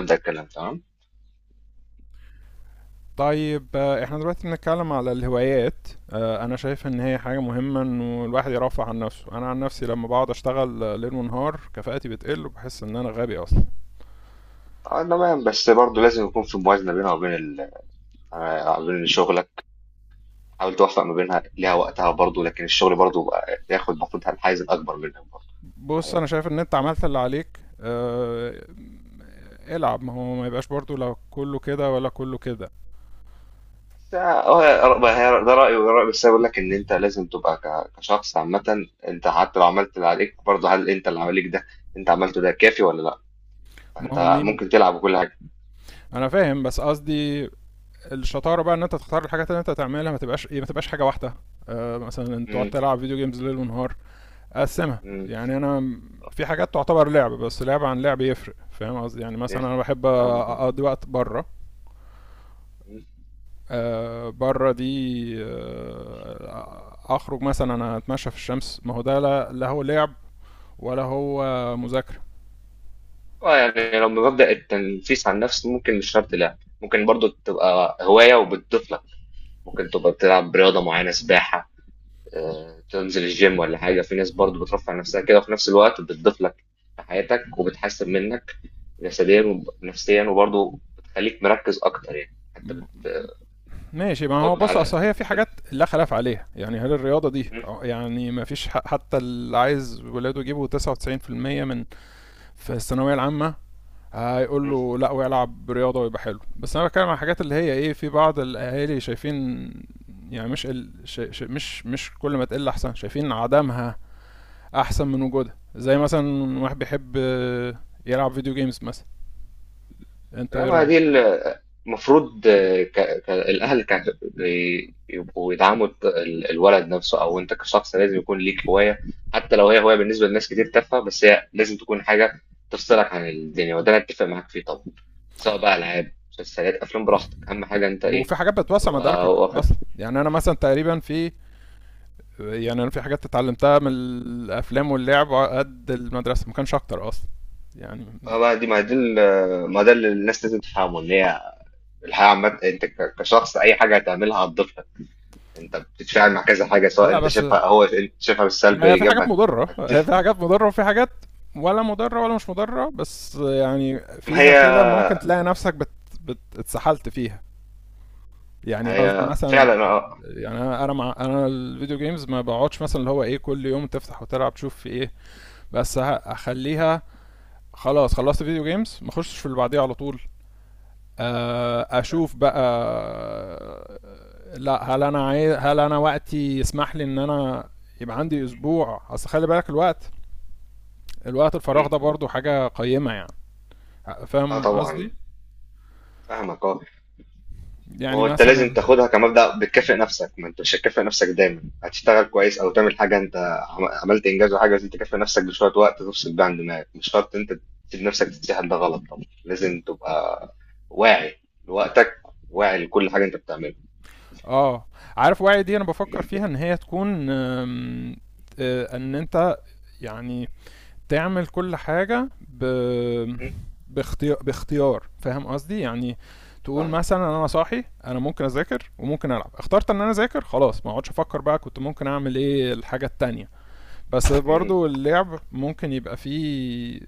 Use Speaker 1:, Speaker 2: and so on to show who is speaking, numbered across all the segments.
Speaker 1: الكلام تمام.
Speaker 2: طيب، احنا دلوقتي بنتكلم على الهوايات. انا شايف ان هي حاجة مهمة انه الواحد يرفع عن نفسه. انا عن نفسي لما بقعد اشتغل ليل ونهار كفاءتي بتقل وبحس ان انا غبي اصلا.
Speaker 1: اه، تمام، بس برضه لازم يكون في موازنه بينها وبين بين شغلك. حاول توفق ما بينها ليها وقتها برضه، لكن الشغل برضه بقى ياخد المفروض الحيز الاكبر منك برضه.
Speaker 2: بص،
Speaker 1: الحقيقة.
Speaker 2: انا شايف ان انت عملت اللي عليك، العب، ما هو ما يبقاش برضو لا كله كده ولا كله كده.
Speaker 1: بس، هو ده رايي وده رايي، بس أنا بقول لك ان انت لازم تبقى كشخص عامه، انت حتى لو عملت اللي عليك برضه، هل انت اللي عليك ده انت عملته ده كافي ولا لا؟
Speaker 2: ما هو
Speaker 1: فانت
Speaker 2: مين؟
Speaker 1: ممكن تلعب كل حاجه.
Speaker 2: انا فاهم، بس قصدي الشطارة بقى ان انت تختار الحاجات اللي انت تعملها، ما تبقاش ايه، ما تبقاش حاجة واحدة. مثلا انت تقعد
Speaker 1: امم
Speaker 2: تلعب فيديو جيمز ليل ونهار. اقسمها، يعني انا في حاجات تعتبر لعب، بس لعب عن لعب يفرق، فاهم قصدي؟ يعني مثلا انا بحب
Speaker 1: امم
Speaker 2: اقضي وقت بره. بره دي اخرج، مثلا انا اتمشى في الشمس، ما هو ده لا, لا هو لعب ولا هو مذاكره.
Speaker 1: اه، يعني لو بمبدأ التنفيس عن نفس، ممكن مش شرط لعب، ممكن برضو تبقى هواية وبتضيف لك. ممكن تبقى بتلعب رياضة معينة، سباحة، تنزل الجيم ولا حاجة، في ناس برضو بترفع نفسها كده، وفي نفس الوقت بتضيف لك في حياتك، وبتحسن منك جسديا ونفسيا، وبرضو بتخليك مركز أكتر، يعني حتى
Speaker 2: ماشي، ما هو
Speaker 1: بتحط
Speaker 2: بص اصل
Speaker 1: على
Speaker 2: هي في حاجات لا خلاف عليها، يعني هل الرياضه دي يعني ما فيش حتى اللي عايز ولاده يجيبوا 99% من في الثانويه العامه هيقول
Speaker 1: بت...
Speaker 2: له لا ويلعب رياضه ويبقى حلو. بس انا بتكلم عن الحاجات اللي هي ايه، في بعض الاهالي شايفين يعني مش ال... ش... ش... مش كل ما تقل احسن، شايفين عدمها احسن من وجودها، زي مثلا واحد بيحب يلعب فيديو جيمز مثلا، انت
Speaker 1: لا،
Speaker 2: ايه
Speaker 1: ما
Speaker 2: رايك؟
Speaker 1: دي، المفروض الأهل يبقوا يدعموا الولد نفسه، أو أنت كشخص لازم يكون ليك هواية، حتى لو هي هواية بالنسبة لناس كتير تافهة، بس هي لازم تكون حاجة تفصلك عن الدنيا، وده أنا أتفق معاك فيه طبعا، سواء بقى ألعاب، مسلسلات، أفلام، براحتك، أهم حاجة أنت إيه
Speaker 2: وفي حاجات بتوسع مداركك
Speaker 1: تبقى واخد.
Speaker 2: اصلا، يعني انا مثلا تقريبا في، يعني انا في حاجات اتعلمتها من الافلام واللعب على قد المدرسه ما كانش اكتر اصلا. يعني
Speaker 1: اه بقى، دي ما دي ال- ما ده اللي الناس لازم تفهمه، إن هي الحياة عامة، أنت كشخص أي حاجة هتعملها هتضيفها، انت بتتفاعل مع كذا حاجه، سواء
Speaker 2: لا
Speaker 1: انت
Speaker 2: بس
Speaker 1: شايفها، هو انت شايفها بالسلب
Speaker 2: يعني هي في حاجات
Speaker 1: ايجابها
Speaker 2: مضرة، هي
Speaker 1: هتتفق.
Speaker 2: في حاجات مضرة وفي حاجات ولا مضرة ولا مش مضرة، بس يعني
Speaker 1: ما
Speaker 2: فيها
Speaker 1: هي
Speaker 2: كده، ممكن تلاقي نفسك اتسحلت فيها.
Speaker 1: ما
Speaker 2: يعني قصدي
Speaker 1: هي
Speaker 2: مثلا،
Speaker 1: فعلا، اه.
Speaker 2: يعني انا انا الفيديو جيمز ما بقعدش مثلا اللي هو ايه كل يوم تفتح وتلعب تشوف في ايه، بس اخليها، خلاص خلصت فيديو جيمز ما اخشش في اللي بعديه على طول. اشوف بقى لا هل انا عايز، هل انا وقتي يسمح لي ان انا يبقى عندي اسبوع. اصل خلي بالك الوقت، الوقت الفراغ ده
Speaker 1: مم.
Speaker 2: برضه حاجة قيمة يعني،
Speaker 1: اه،
Speaker 2: فاهم قصدي؟
Speaker 1: طبعا، فاهمك، اه.
Speaker 2: يعني
Speaker 1: هو انت لازم
Speaker 2: مثلا
Speaker 1: تاخدها كمبدأ، بتكافئ نفسك، ما انت مش هتكافئ نفسك دايما، هتشتغل كويس او تعمل حاجه، انت عملت انجاز وحاجه لازم تكافئ نفسك بشويه وقت تفصل بيها عن دماغك، مش شرط انت تسيب نفسك تتسحل، ده غلط طبعا، لازم تبقى واعي لوقتك، واعي لكل حاجه انت بتعملها.
Speaker 2: اه، عارف وعي دي انا بفكر فيها ان هي تكون ان انت يعني تعمل كل حاجة
Speaker 1: مم.
Speaker 2: باختيار، باختيار، فاهم قصدي؟ يعني تقول
Speaker 1: فاهم.
Speaker 2: مثلا انا صاحي، انا ممكن اذاكر وممكن العب، اخترت ان انا اذاكر، خلاص ما اقعدش افكر بقى كنت ممكن اعمل ايه الحاجة التانية. بس
Speaker 1: مم.
Speaker 2: برضو اللعب ممكن يبقى فيه،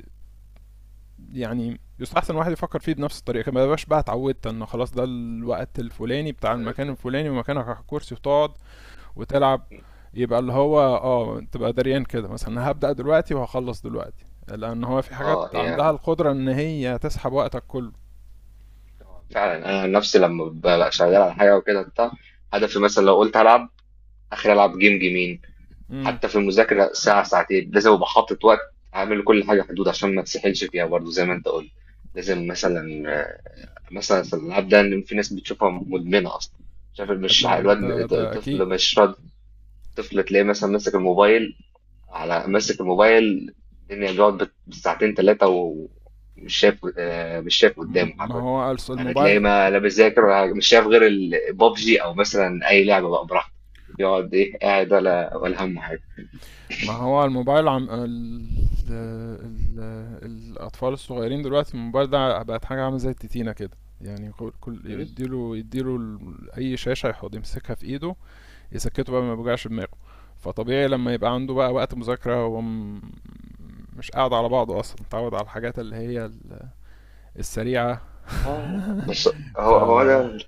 Speaker 2: يعني يستحسن الواحد يفكر فيه بنفس الطريقه كده، ما يبقاش بقى اتعودت ان خلاص ده الوقت الفلاني بتاع المكان الفلاني ومكانك على الكرسي وتقعد وتلعب. يبقى اللي هو اه تبقى دريان كده، مثلا هبدأ دلوقتي وهخلص دلوقتي، لان هو في حاجات
Speaker 1: اه، هي
Speaker 2: عندها القدره ان هي تسحب وقتك كله.
Speaker 1: فعلا، انا عن نفسي لما ببقى شغال على حاجه وكده بتاع، هدفي مثلا لو قلت هلعب اخر العب جيم جيمين،
Speaker 2: امم
Speaker 1: حتى في المذاكره ساعه ساعتين لازم ابقى حاطط وقت، اعمل كل حاجه حدود عشان ما تسحلش فيها برضه، زي ما انت قلت. لازم مثلا في الالعاب ده، إن في ناس بتشوفها مدمنه اصلا، شايف مش،
Speaker 2: ده ده
Speaker 1: الواد
Speaker 2: ده اكيد.
Speaker 1: الطفل مش راضي، الطفل تلاقيه مثلا ماسك الموبايل، على ماسك الموبايل الدنيا، بيقعد بالساعتين ثلاثة، ومش شايف، مش شايف قدامه
Speaker 2: ما
Speaker 1: حرفيا.
Speaker 2: هو
Speaker 1: يعني تلاقيه،
Speaker 2: الموبايل،
Speaker 1: ما لا بيذاكر، ولا مش شايف غير البابجي او مثلا اي لعبة بقى براحته، يقعد ايه، قاعد، ولا همه حاجة.
Speaker 2: ما هو الموبايل ال... الأطفال الصغيرين دلوقتي الموبايل ده بقت حاجة عاملة زي التتينة كده، يعني
Speaker 1: م؟
Speaker 2: يديله أي شاشة يحط يمسكها في إيده يسكته بقى ما يوجعش دماغه. فطبيعي لما يبقى عنده بقى وقت مذاكرة مش قاعد على بعضه أصلا، متعود على الحاجات اللي هي السريعة.
Speaker 1: لا، بس
Speaker 2: ف
Speaker 1: هو انا،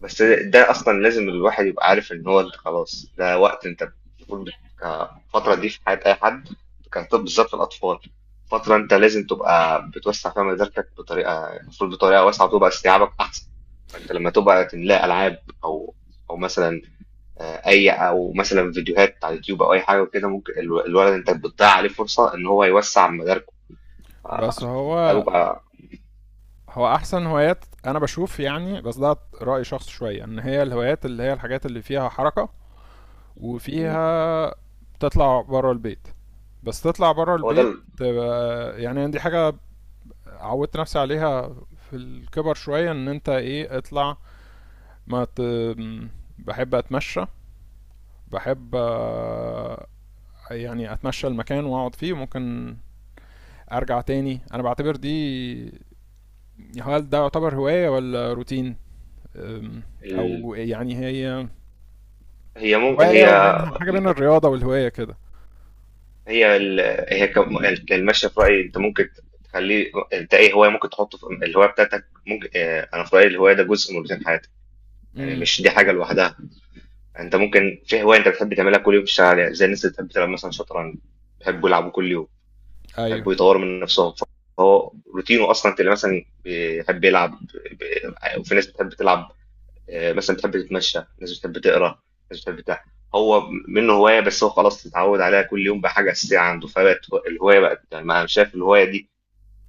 Speaker 1: بس ده أصلًا لازم الواحد يبقى عارف إن هو أنت خلاص، ده وقت أنت المفروض، الفترة دي في حياة أي حد، كانت بالذات في الأطفال، فترة أنت لازم تبقى بتوسّع فيها مداركك بطريقة، المفروض بطريقة واسعة، وتبقى استيعابك أحسن، فأنت لمّا تبقى تملاه ألعاب، أو مثلًا أي أو مثلًا فيديوهات على اليوتيوب، أو أي حاجة وكده، ممكن الولد أنت بتضيّع عليه فرصة إن هو يوسّع مداركه، ف
Speaker 2: بس
Speaker 1: ده
Speaker 2: هو
Speaker 1: بيبقى.
Speaker 2: هو احسن هوايات انا بشوف، يعني بس ده راي شخص شويه ان هي الهوايات اللي هي الحاجات اللي فيها حركه
Speaker 1: إمم،
Speaker 2: وفيها تطلع بره البيت. بس تطلع بره
Speaker 1: هو ده
Speaker 2: البيت
Speaker 1: ال
Speaker 2: تبقى يعني دي حاجة عودت نفسي عليها في الكبر شوية، ان انت ايه اطلع. ما ت... بحب اتمشى، بحب يعني اتمشى المكان واقعد فيه ممكن ارجع تاني. انا بعتبر دي، هل ده يعتبر هواية ولا روتين؟ أم،
Speaker 1: ال
Speaker 2: او يعني هي
Speaker 1: هي مم
Speaker 2: هواية
Speaker 1: هي
Speaker 2: ومنها حاجة بين الرياضة والهواية كده.
Speaker 1: هي هي كم... المشي في رأيي، انت ممكن تخليه، انت ايه هواية، ممكن تحطه في الهواية بتاعتك، ممكن، اه، انا في رأيي الهواية ده جزء من روتين حياتك. يعني
Speaker 2: امم،
Speaker 1: مش دي حاجة لوحدها، انت ممكن في هواية انت بتحب تعملها كل يوم، تشتغل عليها، زي الناس اللي بتحب تلعب مثلا شطرنج، بيحبوا يلعبوا كل يوم،
Speaker 2: ايوه.
Speaker 1: بيحبوا يطوروا من نفسهم، فهو روتينه اصلا، انت اللي مثلا بيحب يلعب وفي ناس بتحب تلعب، مثلا بتحب تتمشى، ناس بتحب تقرا، ناس بتحب بتاع، هو منه هوايه، بس هو خلاص اتعود عليها كل يوم بقى حاجه اساسيه عنده، فبقت الهوايه بقت، يعني، ما انا شايف الهوايه دي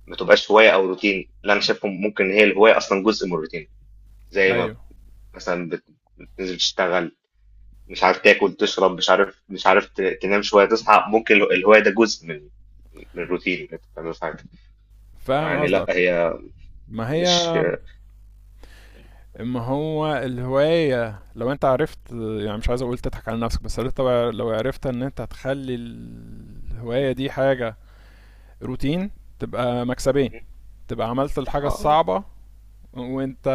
Speaker 1: ما تبقاش هوايه او روتين، لا، انا شايف ممكن هي الهوايه اصلا جزء من الروتين. زي ما
Speaker 2: ايوه،
Speaker 1: مثلا بتنزل تشتغل، مش عارف تاكل تشرب، مش عارف تنام شويه تصحى، ممكن الهوايه ده جزء من الروتين اللي انت بتعمله في حياتك.
Speaker 2: فاهم
Speaker 1: يعني لا،
Speaker 2: قصدك.
Speaker 1: هي
Speaker 2: ما هي،
Speaker 1: مش،
Speaker 2: ما هو الهواية لو انت عرفت يعني، مش عايز اقول تضحك على نفسك، بس لو انت لو عرفت ان انت هتخلي الهواية دي حاجة روتين تبقى مكسبين، تبقى عملت الحاجة
Speaker 1: اه،
Speaker 2: الصعبة. وانت،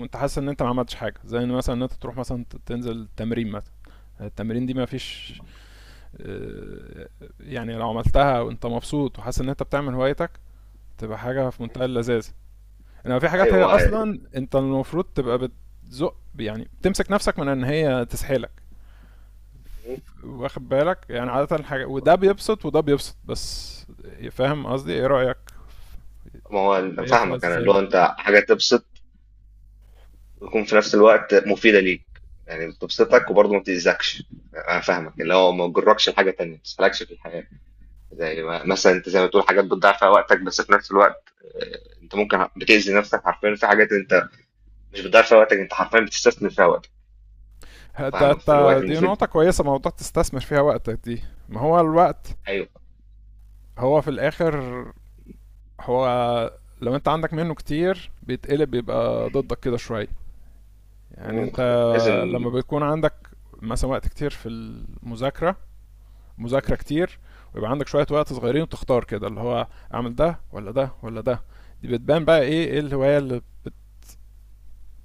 Speaker 2: وانت حاسس ان انت ما عملتش حاجة، زي ان مثلا ان انت تروح مثلا تنزل تمرين مثلا، التمرين دي ما فيش آه، يعني لو عملتها وانت مبسوط وحاسس ان انت بتعمل هوايتك تبقى حاجة في منتهى اللذاذ. انما في حاجات
Speaker 1: ايوه،
Speaker 2: هي
Speaker 1: ما
Speaker 2: اصلا انت المفروض تبقى بتزق، يعني بتمسك نفسك من ان هي تسحلك، واخد بالك؟ يعني عادة حاجة وده بيبسط وده بيبسط بس، فاهم قصدي؟ ايه رأيك،
Speaker 1: ما هو أنا
Speaker 2: شايفها
Speaker 1: فاهمك، انا اللي
Speaker 2: ازاي؟
Speaker 1: هو انت حاجه تبسط، ويكون في نفس الوقت مفيدة ليك، يعني بتبسطك وبرضه ما بتأذكش. انا فاهمك، اللي هو ما تجركش لحاجة تانية، ما تسحلكش في الحياة، زي ما مثلا انت، زي ما بتقول حاجات بتضيع فيها وقتك، بس في نفس الوقت انت ممكن بتأذي نفسك حرفيا في حاجات انت مش بتضيع فيها وقتك، انت حرفيا بتستثمر فيها وقتك. أنا فاهمك، في الوقت
Speaker 2: دي
Speaker 1: المفيد،
Speaker 2: نقطة كويسة، موضوع تستثمر فيها وقتك دي، ما هو الوقت
Speaker 1: ايوه،
Speaker 2: هو في الاخر، هو لو انت عندك منه كتير بيتقلب بيبقى ضدك كده شوية. يعني
Speaker 1: مم،
Speaker 2: انت
Speaker 1: لازم
Speaker 2: لما بيكون عندك مثلا وقت كتير في المذاكرة، مذاكره كتير، ويبقى عندك شويه وقت صغيرين، وتختار كده اللي هو اعمل ده ولا ده ولا ده، دي بتبان بقى ايه، ايه الهوايه اللي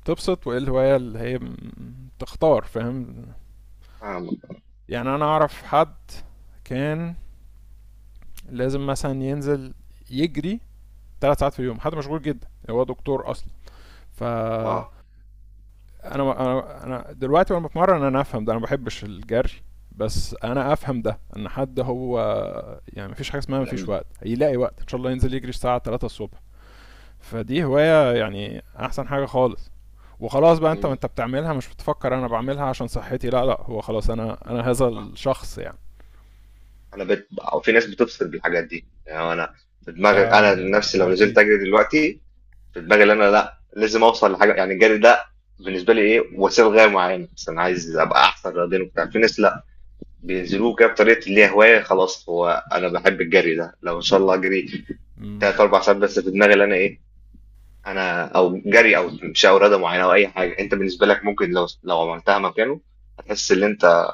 Speaker 2: بتبسط وايه الهوايه اللي هي تختار، فاهم؟
Speaker 1: فاهمك،
Speaker 2: يعني انا اعرف حد كان لازم مثلا ينزل يجري 3 ساعات في اليوم، حد مشغول جدا، هو دكتور اصلا. ف انا،
Speaker 1: اه،
Speaker 2: انا دلوقتي وانا بتمرن انا افهم ده، انا ما بحبش الجري، بس انا افهم ده ان حد هو يعني مفيش حاجه اسمها
Speaker 1: لا،
Speaker 2: مفيش
Speaker 1: مم،
Speaker 2: وقت، هيلاقي وقت ان شاء الله ينزل يجري الساعه 3 الصبح. فدي هواية يعني أحسن حاجة خالص، وخلاص بقى أنت وأنت بتعملها مش بتفكر أنا بعملها عشان صحتي، لا لا، هو خلاص أنا، أنا هذا
Speaker 1: آه.
Speaker 2: الشخص يعني.
Speaker 1: انا أو في ناس بتفصل بالحاجات دي، يعني انا في دماغي،
Speaker 2: ده
Speaker 1: انا عن نفسي
Speaker 2: ده
Speaker 1: لو نزلت
Speaker 2: أكيد.
Speaker 1: اجري دلوقتي، في دماغي ان انا لا، لازم اوصل لحاجه، يعني الجري ده بالنسبه لي ايه، وسيله لغايه معينه، بس انا عايز ابقى احسن رياضيا وبتاع. في ناس لا، بينزلوه كده بطريقه اللي هي هوايه خلاص، هو انا بحب الجري ده، لو ان شاء الله اجري
Speaker 2: مم.
Speaker 1: تلات اربع ساعات، بس في دماغي ان انا ايه، انا او جري او مشي او رياضه معينه او اي حاجه، انت بالنسبه لك، ممكن لو عملتها مكانه هتحس ان انت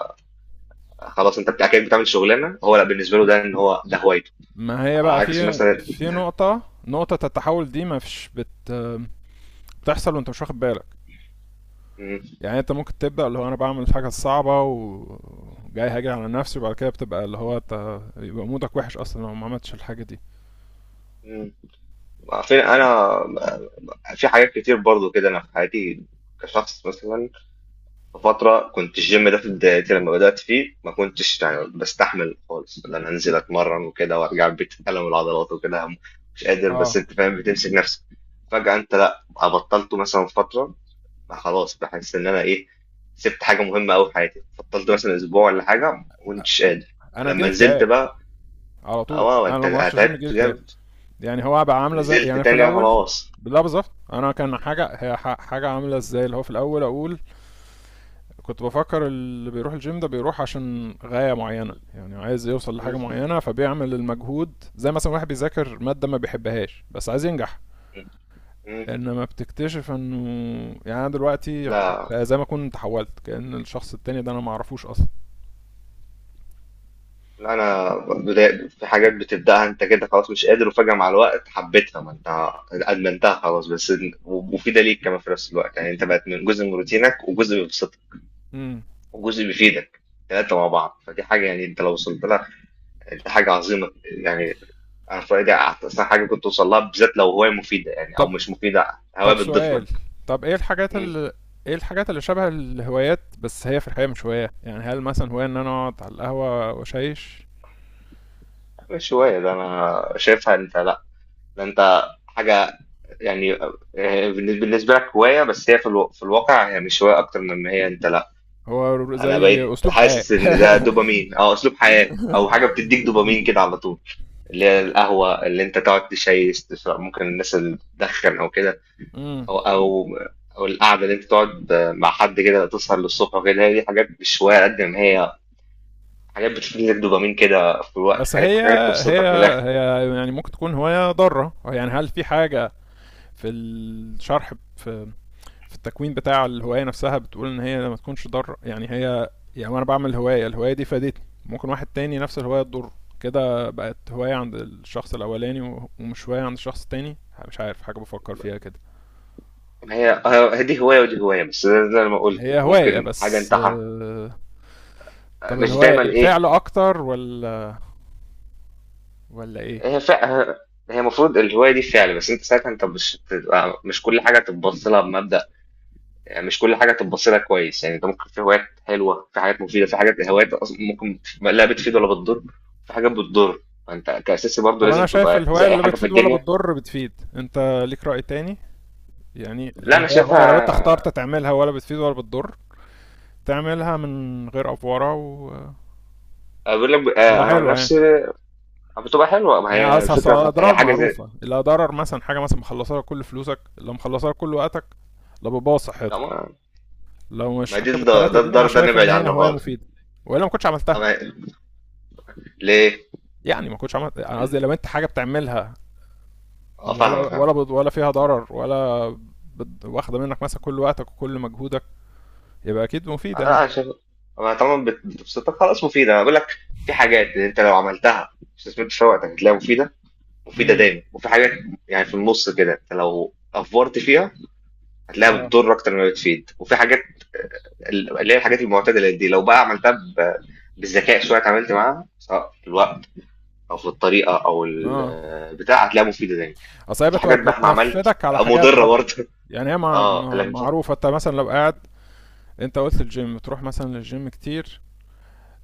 Speaker 1: خلاص، كأنك بتعمل شغلانه، هو لا بالنسبه له ده ان هو ده هوايته.
Speaker 2: ما هي
Speaker 1: على
Speaker 2: بقى
Speaker 1: عكس
Speaker 2: في،
Speaker 1: مثلا،
Speaker 2: في نقطة، نقطة التحول دي ما فيش بتحصل وأنت مش واخد بالك.
Speaker 1: م-
Speaker 2: يعني أنت ممكن تبدأ اللي هو أنا بعمل الحاجة الصعبة وجاي هاجي على نفسي، وبعد كده بتبقى اللي هو أنت يبقى مودك وحش أصلا لو ما عملتش الحاجة دي.
Speaker 1: م- عارفين انا في حاجات كتير برضو كده، انا في حياتي كشخص مثلا، في فتره كنت الجيم ده في بدايتي لما بدات فيه، ما كنتش يعني بستحمل خالص ان انا انزل اتمرن وكده، وارجع البيت الم العضلات وكده، مش قادر، بس
Speaker 2: اه،
Speaker 1: انت فاهم بتمسك نفسك. فجاه انت لا، بطلته مثلا فتره، خلاص بحس ان انا ايه، سبت حاجه مهمه قوي في حياتي، بطلت مثلا اسبوع ولا حاجه، ما كنتش قادر.
Speaker 2: أنا
Speaker 1: لما
Speaker 2: جيلي
Speaker 1: نزلت
Speaker 2: اكتئاب
Speaker 1: بقى،
Speaker 2: على طول،
Speaker 1: اه،
Speaker 2: أنا
Speaker 1: انت
Speaker 2: لو ما رحتش الجيم جيلي
Speaker 1: تعبت
Speaker 2: اكتئاب.
Speaker 1: جامد،
Speaker 2: يعني هو بقى عامله زي
Speaker 1: نزلت
Speaker 2: يعني في
Speaker 1: تاني،
Speaker 2: الاول،
Speaker 1: خلاص.
Speaker 2: لا بالظبط، انا كان حاجه هي حاجه عامله ازاي، اللي هو في الاول اقول كنت بفكر اللي بيروح الجيم ده بيروح عشان غايه معينه، يعني عايز يوصل
Speaker 1: مم.
Speaker 2: لحاجه معينه فبيعمل المجهود، زي مثلا واحد بيذاكر ماده ما بيحبهاش بس عايز ينجح.
Speaker 1: مم.
Speaker 2: انما بتكتشف انه يعني انا دلوقتي
Speaker 1: لا،
Speaker 2: بقى زي ما اكون تحولت كأن الشخص التاني ده انا ما اعرفوش اصلا.
Speaker 1: لا، انا في حاجات بتبداها انت كده خلاص مش قادر، وفجاه مع الوقت حبيتها، ما انت ادمنتها خلاص، بس ومفيده ليك كمان في نفس الوقت، يعني انت بقت من جزء من روتينك، وجزء بيبسطك،
Speaker 2: امم،
Speaker 1: وجزء بيفيدك، ثلاثه مع بعض، فدي حاجه، يعني انت لو وصلت لها، دي حاجه عظيمه يعني. انا في رايي احسن حاجه كنت توصل لها، بالذات لو هوايه مفيده، يعني او
Speaker 2: طب،
Speaker 1: مش مفيده، هوايه
Speaker 2: طب
Speaker 1: بتضيف
Speaker 2: سؤال،
Speaker 1: لك.
Speaker 2: طب ايه الحاجات
Speaker 1: مم.
Speaker 2: اللي، ايه الحاجات اللي شبه الهوايات بس هي في الحقيقة مش هواية؟ يعني هل مثلا هواية ان انا اقعد على القهوة واشيش؟
Speaker 1: مش هوايه، ده انا شايفها انت لا، ده انت حاجه، يعني بالنسبة لك هواية، بس هي في الو... في الواقع هي مش هواية أكتر من ما هي أنت لأ.
Speaker 2: هو
Speaker 1: أنا
Speaker 2: زي
Speaker 1: بقيت
Speaker 2: اسلوب حياة.
Speaker 1: حاسس إن ده دوبامين أو أسلوب حياة، أو حاجة بتديك
Speaker 2: مم.
Speaker 1: دوبامين كده على طول، اللي هي القهوة، اللي أنت تقعد تشيس تشرب، ممكن الناس اللي بتدخن أو كده،
Speaker 2: مم.
Speaker 1: أو أو القعدة اللي أنت تقعد مع حد كده تسهر للصبح وكده، هي دي حاجات مش هواية قد ما هي حاجات بتديك دوبامين كده في الوقت،
Speaker 2: بس
Speaker 1: خليك
Speaker 2: هي
Speaker 1: حاجات
Speaker 2: هي،
Speaker 1: تبسطك من الآخر.
Speaker 2: هي يعني ممكن تكون هواية ضارة يعني، هل في حاجة في الشرح، في في التكوين بتاع الهوايه نفسها بتقول ان هي ما تكونش ضار؟ يعني هي، يعني انا بعمل هوايه، الهوايه دي فادتني، ممكن واحد تاني نفس الهوايه تضر، كده بقت هوايه عند الشخص الاولاني ومش هوايه عند الشخص التاني، مش عارف، حاجه بفكر فيها كده.
Speaker 1: هي هي دي هواية ودي هواية، بس زي زي ما قلت
Speaker 2: هي هوايه
Speaker 1: ممكن حاجة
Speaker 2: بس
Speaker 1: أنت
Speaker 2: طب
Speaker 1: مش
Speaker 2: الهوايه
Speaker 1: دايما
Speaker 2: ايه،
Speaker 1: إيه.
Speaker 2: فعل اكتر، ولا ولا ايه؟
Speaker 1: هي فع هي المفروض الهواية دي فعل، بس انت ساعتها انت مش بتبقى، مش كل حاجة تبص لها بمبدأ، يعني مش كل حاجة تبص لها كويس، يعني انت ممكن في هوايات حلوة، في حاجات مفيدة، في حاجات هوايات اصلا ممكن لا بتفيد ولا بتضر، في حاجات بتضر، فانت كأساسي برضه
Speaker 2: طب انا
Speaker 1: لازم
Speaker 2: شايف
Speaker 1: تبقى زي
Speaker 2: الهوايه
Speaker 1: اي
Speaker 2: اللي
Speaker 1: حاجة في
Speaker 2: بتفيد ولا
Speaker 1: الدنيا.
Speaker 2: بتضر بتفيد انت، ليك راي تاني؟ يعني
Speaker 1: لا،
Speaker 2: لو
Speaker 1: انا
Speaker 2: هي هوايه، لو انت اخترت
Speaker 1: شايفها،
Speaker 2: تعملها ولا بتفيد ولا بتضر، تعملها من غير افوره، و
Speaker 1: اقول لك،
Speaker 2: تبقى
Speaker 1: انا عن
Speaker 2: حلوه يعني.
Speaker 1: نفسي، بتبقى حلوة، ما
Speaker 2: يعني
Speaker 1: هي
Speaker 2: أصل، أصل
Speaker 1: الفكرة هي
Speaker 2: الاضرار
Speaker 1: حاجة زي،
Speaker 2: معروفه، اللي ضرر مثلا حاجه مثلا مخلصاها كل فلوسك، اللي مخلصاها كل وقتك، اللي بتبوظ
Speaker 1: لا
Speaker 2: صحتك.
Speaker 1: ما،
Speaker 2: لو مش
Speaker 1: ما دي
Speaker 2: حاجه بالثلاثه
Speaker 1: ده
Speaker 2: دي انا
Speaker 1: الدار ده
Speaker 2: شايف ان
Speaker 1: نبعد
Speaker 2: هي
Speaker 1: عنه
Speaker 2: هوايه
Speaker 1: خالص.
Speaker 2: مفيده، والا ما كنتش
Speaker 1: طب
Speaker 2: عملتها.
Speaker 1: ليه؟
Speaker 2: يعني ما كنتش عملت، انا قصدي لو انت حاجه بتعملها
Speaker 1: اه،
Speaker 2: ولا
Speaker 1: فاهمك،
Speaker 2: ولا ولا فيها ضرر ولا واخده منك مثلا كل وقتك وكل مجهودك، يبقى اكيد مفيده يعني.
Speaker 1: انا شايف، أنا طالما بتبسطك خلاص مفيده، انا بقول لك في حاجات انت لو عملتها استثمرت في وقتك هتلاقيها مفيده، مفيده
Speaker 2: امم،
Speaker 1: دايما. وفي حاجات، يعني في النص كده، انت لو افورت فيها هتلاقيها
Speaker 2: اه،
Speaker 1: بتضر اكتر ما بتفيد. وفي حاجات اللي هي الحاجات المعتدله دي، لو بقى عملتها بالذكاء شويه، اتعاملت معاها سواء في الوقت او في الطريقه او
Speaker 2: اه،
Speaker 1: البتاع، هتلاقيها مفيده دايما.
Speaker 2: اصل هي
Speaker 1: يعني في حاجات بقى، ما عملت،
Speaker 2: بتنفذك على حاجات
Speaker 1: مضره
Speaker 2: برضه.
Speaker 1: برضه.
Speaker 2: يعني هي
Speaker 1: اه، لكن صح،
Speaker 2: معروفه، انت مثلا لو قاعد، انت قلت الجيم تروح مثلا للجيم كتير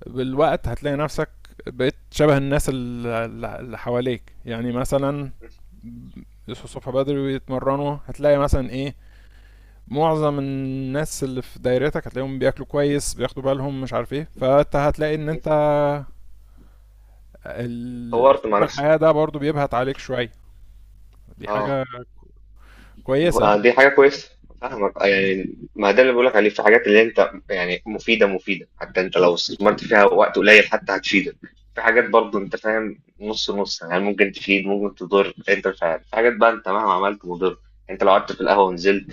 Speaker 2: بالوقت هتلاقي نفسك بقيت شبه الناس اللي حواليك، يعني مثلا يصحوا الصبح بدري ويتمرنوا، هتلاقي مثلا ايه، معظم الناس اللي في دايرتك هتلاقيهم بياكلوا كويس بياخدوا بالهم مش عارف ايه، فانت هتلاقي ان انت
Speaker 1: اتطورت مع
Speaker 2: اسلوب
Speaker 1: نفسك.
Speaker 2: الحياة ده برضو بيبهت عليك شوية، دي
Speaker 1: اه،
Speaker 2: حاجة كويسة.
Speaker 1: دي حاجة كويسة، فاهمك، يعني ما ده اللي بقولك عليه، في حاجات اللي انت يعني مفيدة، مفيدة حتى انت لو استثمرت فيها وقت قليل حتى هتفيدك. في حاجات برضه انت فاهم نص نص، يعني ممكن تفيد، ممكن تضر، انت مش عارف. في حاجات بقى انت مهما عملت مضر، انت لو قعدت في القهوة ونزلت،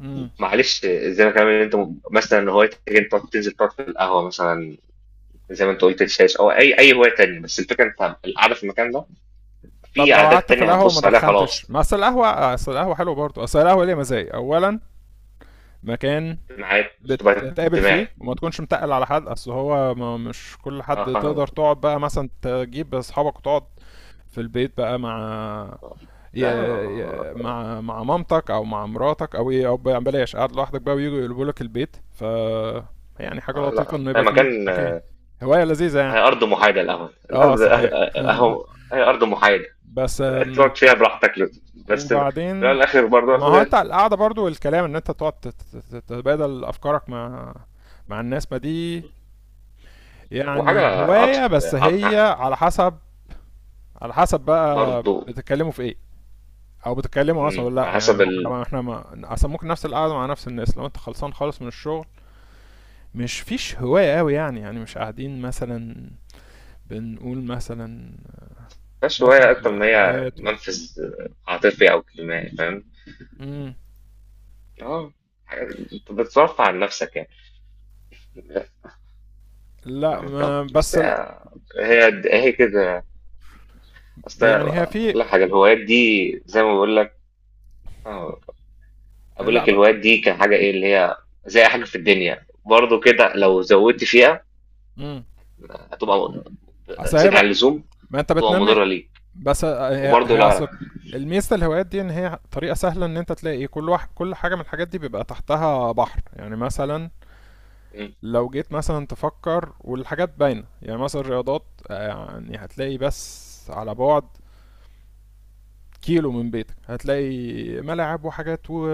Speaker 2: امم،
Speaker 1: معلش، زي ما كمان انت مثلا هوايتك انت تنزل تقعد في القهوة مثلا، زي ما انت قلت الشاش او اي اي هواية تانية، بس الفكرة انت القعدة في المكان ده،
Speaker 2: طب
Speaker 1: في
Speaker 2: لو
Speaker 1: عادات
Speaker 2: قعدت في
Speaker 1: تانية
Speaker 2: القهوة وما
Speaker 1: هتبص عليها
Speaker 2: دخنتش،
Speaker 1: خلاص.
Speaker 2: ما اصل القهوة، اصل القهوة حلوة برضو، اصل القهوة ليها مزايا، اولا مكان
Speaker 1: اجتماعات، تبقى
Speaker 2: بتتقابل فيه
Speaker 1: اجتماعي،
Speaker 2: وما تكونش متقل على حد، اصل هو ما مش كل
Speaker 1: اه،
Speaker 2: حد تقدر
Speaker 1: فاهم،
Speaker 2: تقعد بقى مثلا تجيب اصحابك وتقعد في البيت بقى مع ي...
Speaker 1: لا،
Speaker 2: مع مع مامتك او مع مراتك او ايه، او بلاش قاعد لوحدك بقى ويجوا يقلبوا لك البيت. ف يعني حاجه لطيفه
Speaker 1: لا،
Speaker 2: انه
Speaker 1: هي
Speaker 2: يبقى فيه
Speaker 1: مكان،
Speaker 2: مكان، هوايه لذيذه يعني.
Speaker 1: هي أرض محايدة، القهوة
Speaker 2: اه
Speaker 1: الأرض،
Speaker 2: صحيح.
Speaker 1: أهو هي أرض محايدة،
Speaker 2: بس
Speaker 1: تقعد فيها براحتك، بس في الأول
Speaker 2: وبعدين
Speaker 1: والآخر برضه
Speaker 2: ما
Speaker 1: أرض
Speaker 2: هو انت
Speaker 1: زي،
Speaker 2: القعده برضو والكلام ان انت تقعد تتبادل افكارك مع مع الناس، ما دي
Speaker 1: وحاجة
Speaker 2: يعني
Speaker 1: عط...
Speaker 2: هواية، بس
Speaker 1: عط...
Speaker 2: هي على حسب، على حسب بقى
Speaker 1: برضه،
Speaker 2: بتتكلموا في ايه، او بتتكلموا اصلا ولا لا.
Speaker 1: على
Speaker 2: يعني
Speaker 1: حسب
Speaker 2: لو احنا، لو احنا ما اصلا ممكن نفس القعده مع نفس الناس لو انت خلصان خالص من الشغل مش فيش هوايه قوي يعني، يعني مش قاعدين مثلا بنقول مثلا
Speaker 1: بس هواية
Speaker 2: نكت
Speaker 1: أكتر
Speaker 2: ولا
Speaker 1: ما هي
Speaker 2: حكايات ولا.
Speaker 1: منفذ عاطفي أو اجتماعي، فاهم؟
Speaker 2: امم،
Speaker 1: أه، حاجة، أنت بتصرف عن نفسك يعني. لا،
Speaker 2: لا
Speaker 1: فاهمك، أه،
Speaker 2: ما
Speaker 1: بس
Speaker 2: بس لا،
Speaker 1: هي هي كده، أصل
Speaker 2: يعني هي في،
Speaker 1: أقول لك حاجة، الهوايات دي زي ما بقول لك، آه، أقول
Speaker 2: لا
Speaker 1: لك
Speaker 2: بقى،
Speaker 1: الهوايات دي كحاجة إيه اللي هي، زي حاجة في الدنيا برضه كده، لو زودت فيها
Speaker 2: امم،
Speaker 1: هتبقى
Speaker 2: اصل هي
Speaker 1: زيادة عن
Speaker 2: بقى
Speaker 1: اللزوم،
Speaker 2: ما انت
Speaker 1: هتبقى
Speaker 2: بتنمي.
Speaker 1: مضرة ليك.
Speaker 2: بس هي
Speaker 1: وبرضه
Speaker 2: هي
Speaker 1: لو
Speaker 2: أصل
Speaker 1: أنا،
Speaker 2: الميزة الهوايات دي إن هي طريقة سهلة إن أنت تلاقي كل واحد، كل حاجة من الحاجات دي بيبقى تحتها بحر، يعني مثلا
Speaker 1: مم.
Speaker 2: لو جيت مثلا تفكر والحاجات باينة، يعني مثلا الرياضات يعني هتلاقي بس على بعد كيلو من بيتك هتلاقي ملاعب وحاجات و...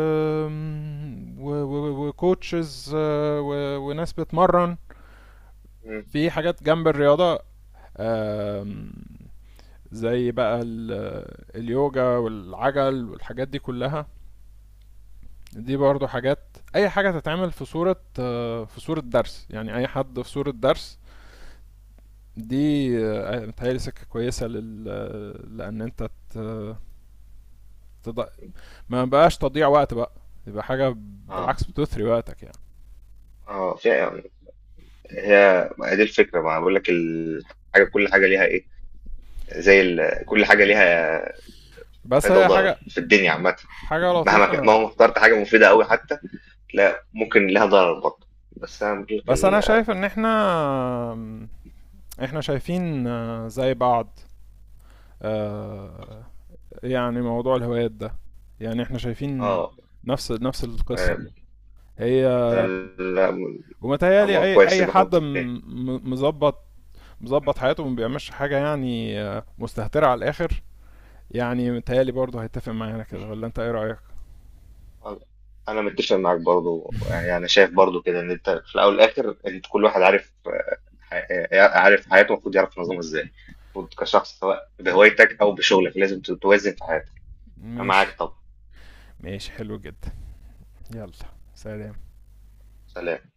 Speaker 2: و... و... وكوتشز وناس بتمرن،
Speaker 1: مم.
Speaker 2: في حاجات جنب الرياضة، آم، زي بقى اليوجا والعجل والحاجات دي كلها، دي برضو حاجات، اي حاجة تتعمل في صورة في صورة درس، يعني اي حد في صورة درس، دي متهيألي سكة كويسة لل... لان انت ت... تض... ما بقاش تضيع وقت بقى يبقى حاجة،
Speaker 1: اه،
Speaker 2: بالعكس بتثري وقتك يعني.
Speaker 1: اه، فعلا، هي ما دي الفكرة، ما بقول لك الحاجة، كل حاجة ليها إيه، زي كل حاجة ليها
Speaker 2: بس
Speaker 1: فايدة
Speaker 2: هي
Speaker 1: وضرر
Speaker 2: حاجة،
Speaker 1: في الدنيا عامة،
Speaker 2: حاجة
Speaker 1: مهما
Speaker 2: لطيفة،
Speaker 1: مهما اخترت حاجة مفيدة أوي حتى، لا، ممكن لها ضرر برضه، بس أنا بقول لك
Speaker 2: بس انا شايف ان احنا احنا شايفين زي بعض، آه، يعني موضوع الهوايات ده يعني احنا شايفين
Speaker 1: اه.
Speaker 2: نفس، نفس القصة
Speaker 1: أنا...
Speaker 2: كده. هي
Speaker 1: أنا... لا،
Speaker 2: ومتهيألي أي
Speaker 1: كويس
Speaker 2: أي
Speaker 1: إن احنا
Speaker 2: حد
Speaker 1: متفقين.
Speaker 2: م- مظبط مظبط حياته وما بيعملش حاجة يعني مستهترة على الآخر، يعني متهيألي برضه هيتفق معانا كده، ولا أنت إيه رأيك؟
Speaker 1: انا متفق معاك برضو، يعني انا شايف برضو كده، ان انت في الاول والاخر، انت كل واحد عارف، عارف حياته المفروض يعرف ينظمها ازاي، المفروض كشخص سواء بهوايتك او بشغلك لازم توازن في حياتك. انا
Speaker 2: ماشي،
Speaker 1: معاك طبعا.
Speaker 2: ماشي، حلو جدا، يلا، سلام.
Speaker 1: سلام.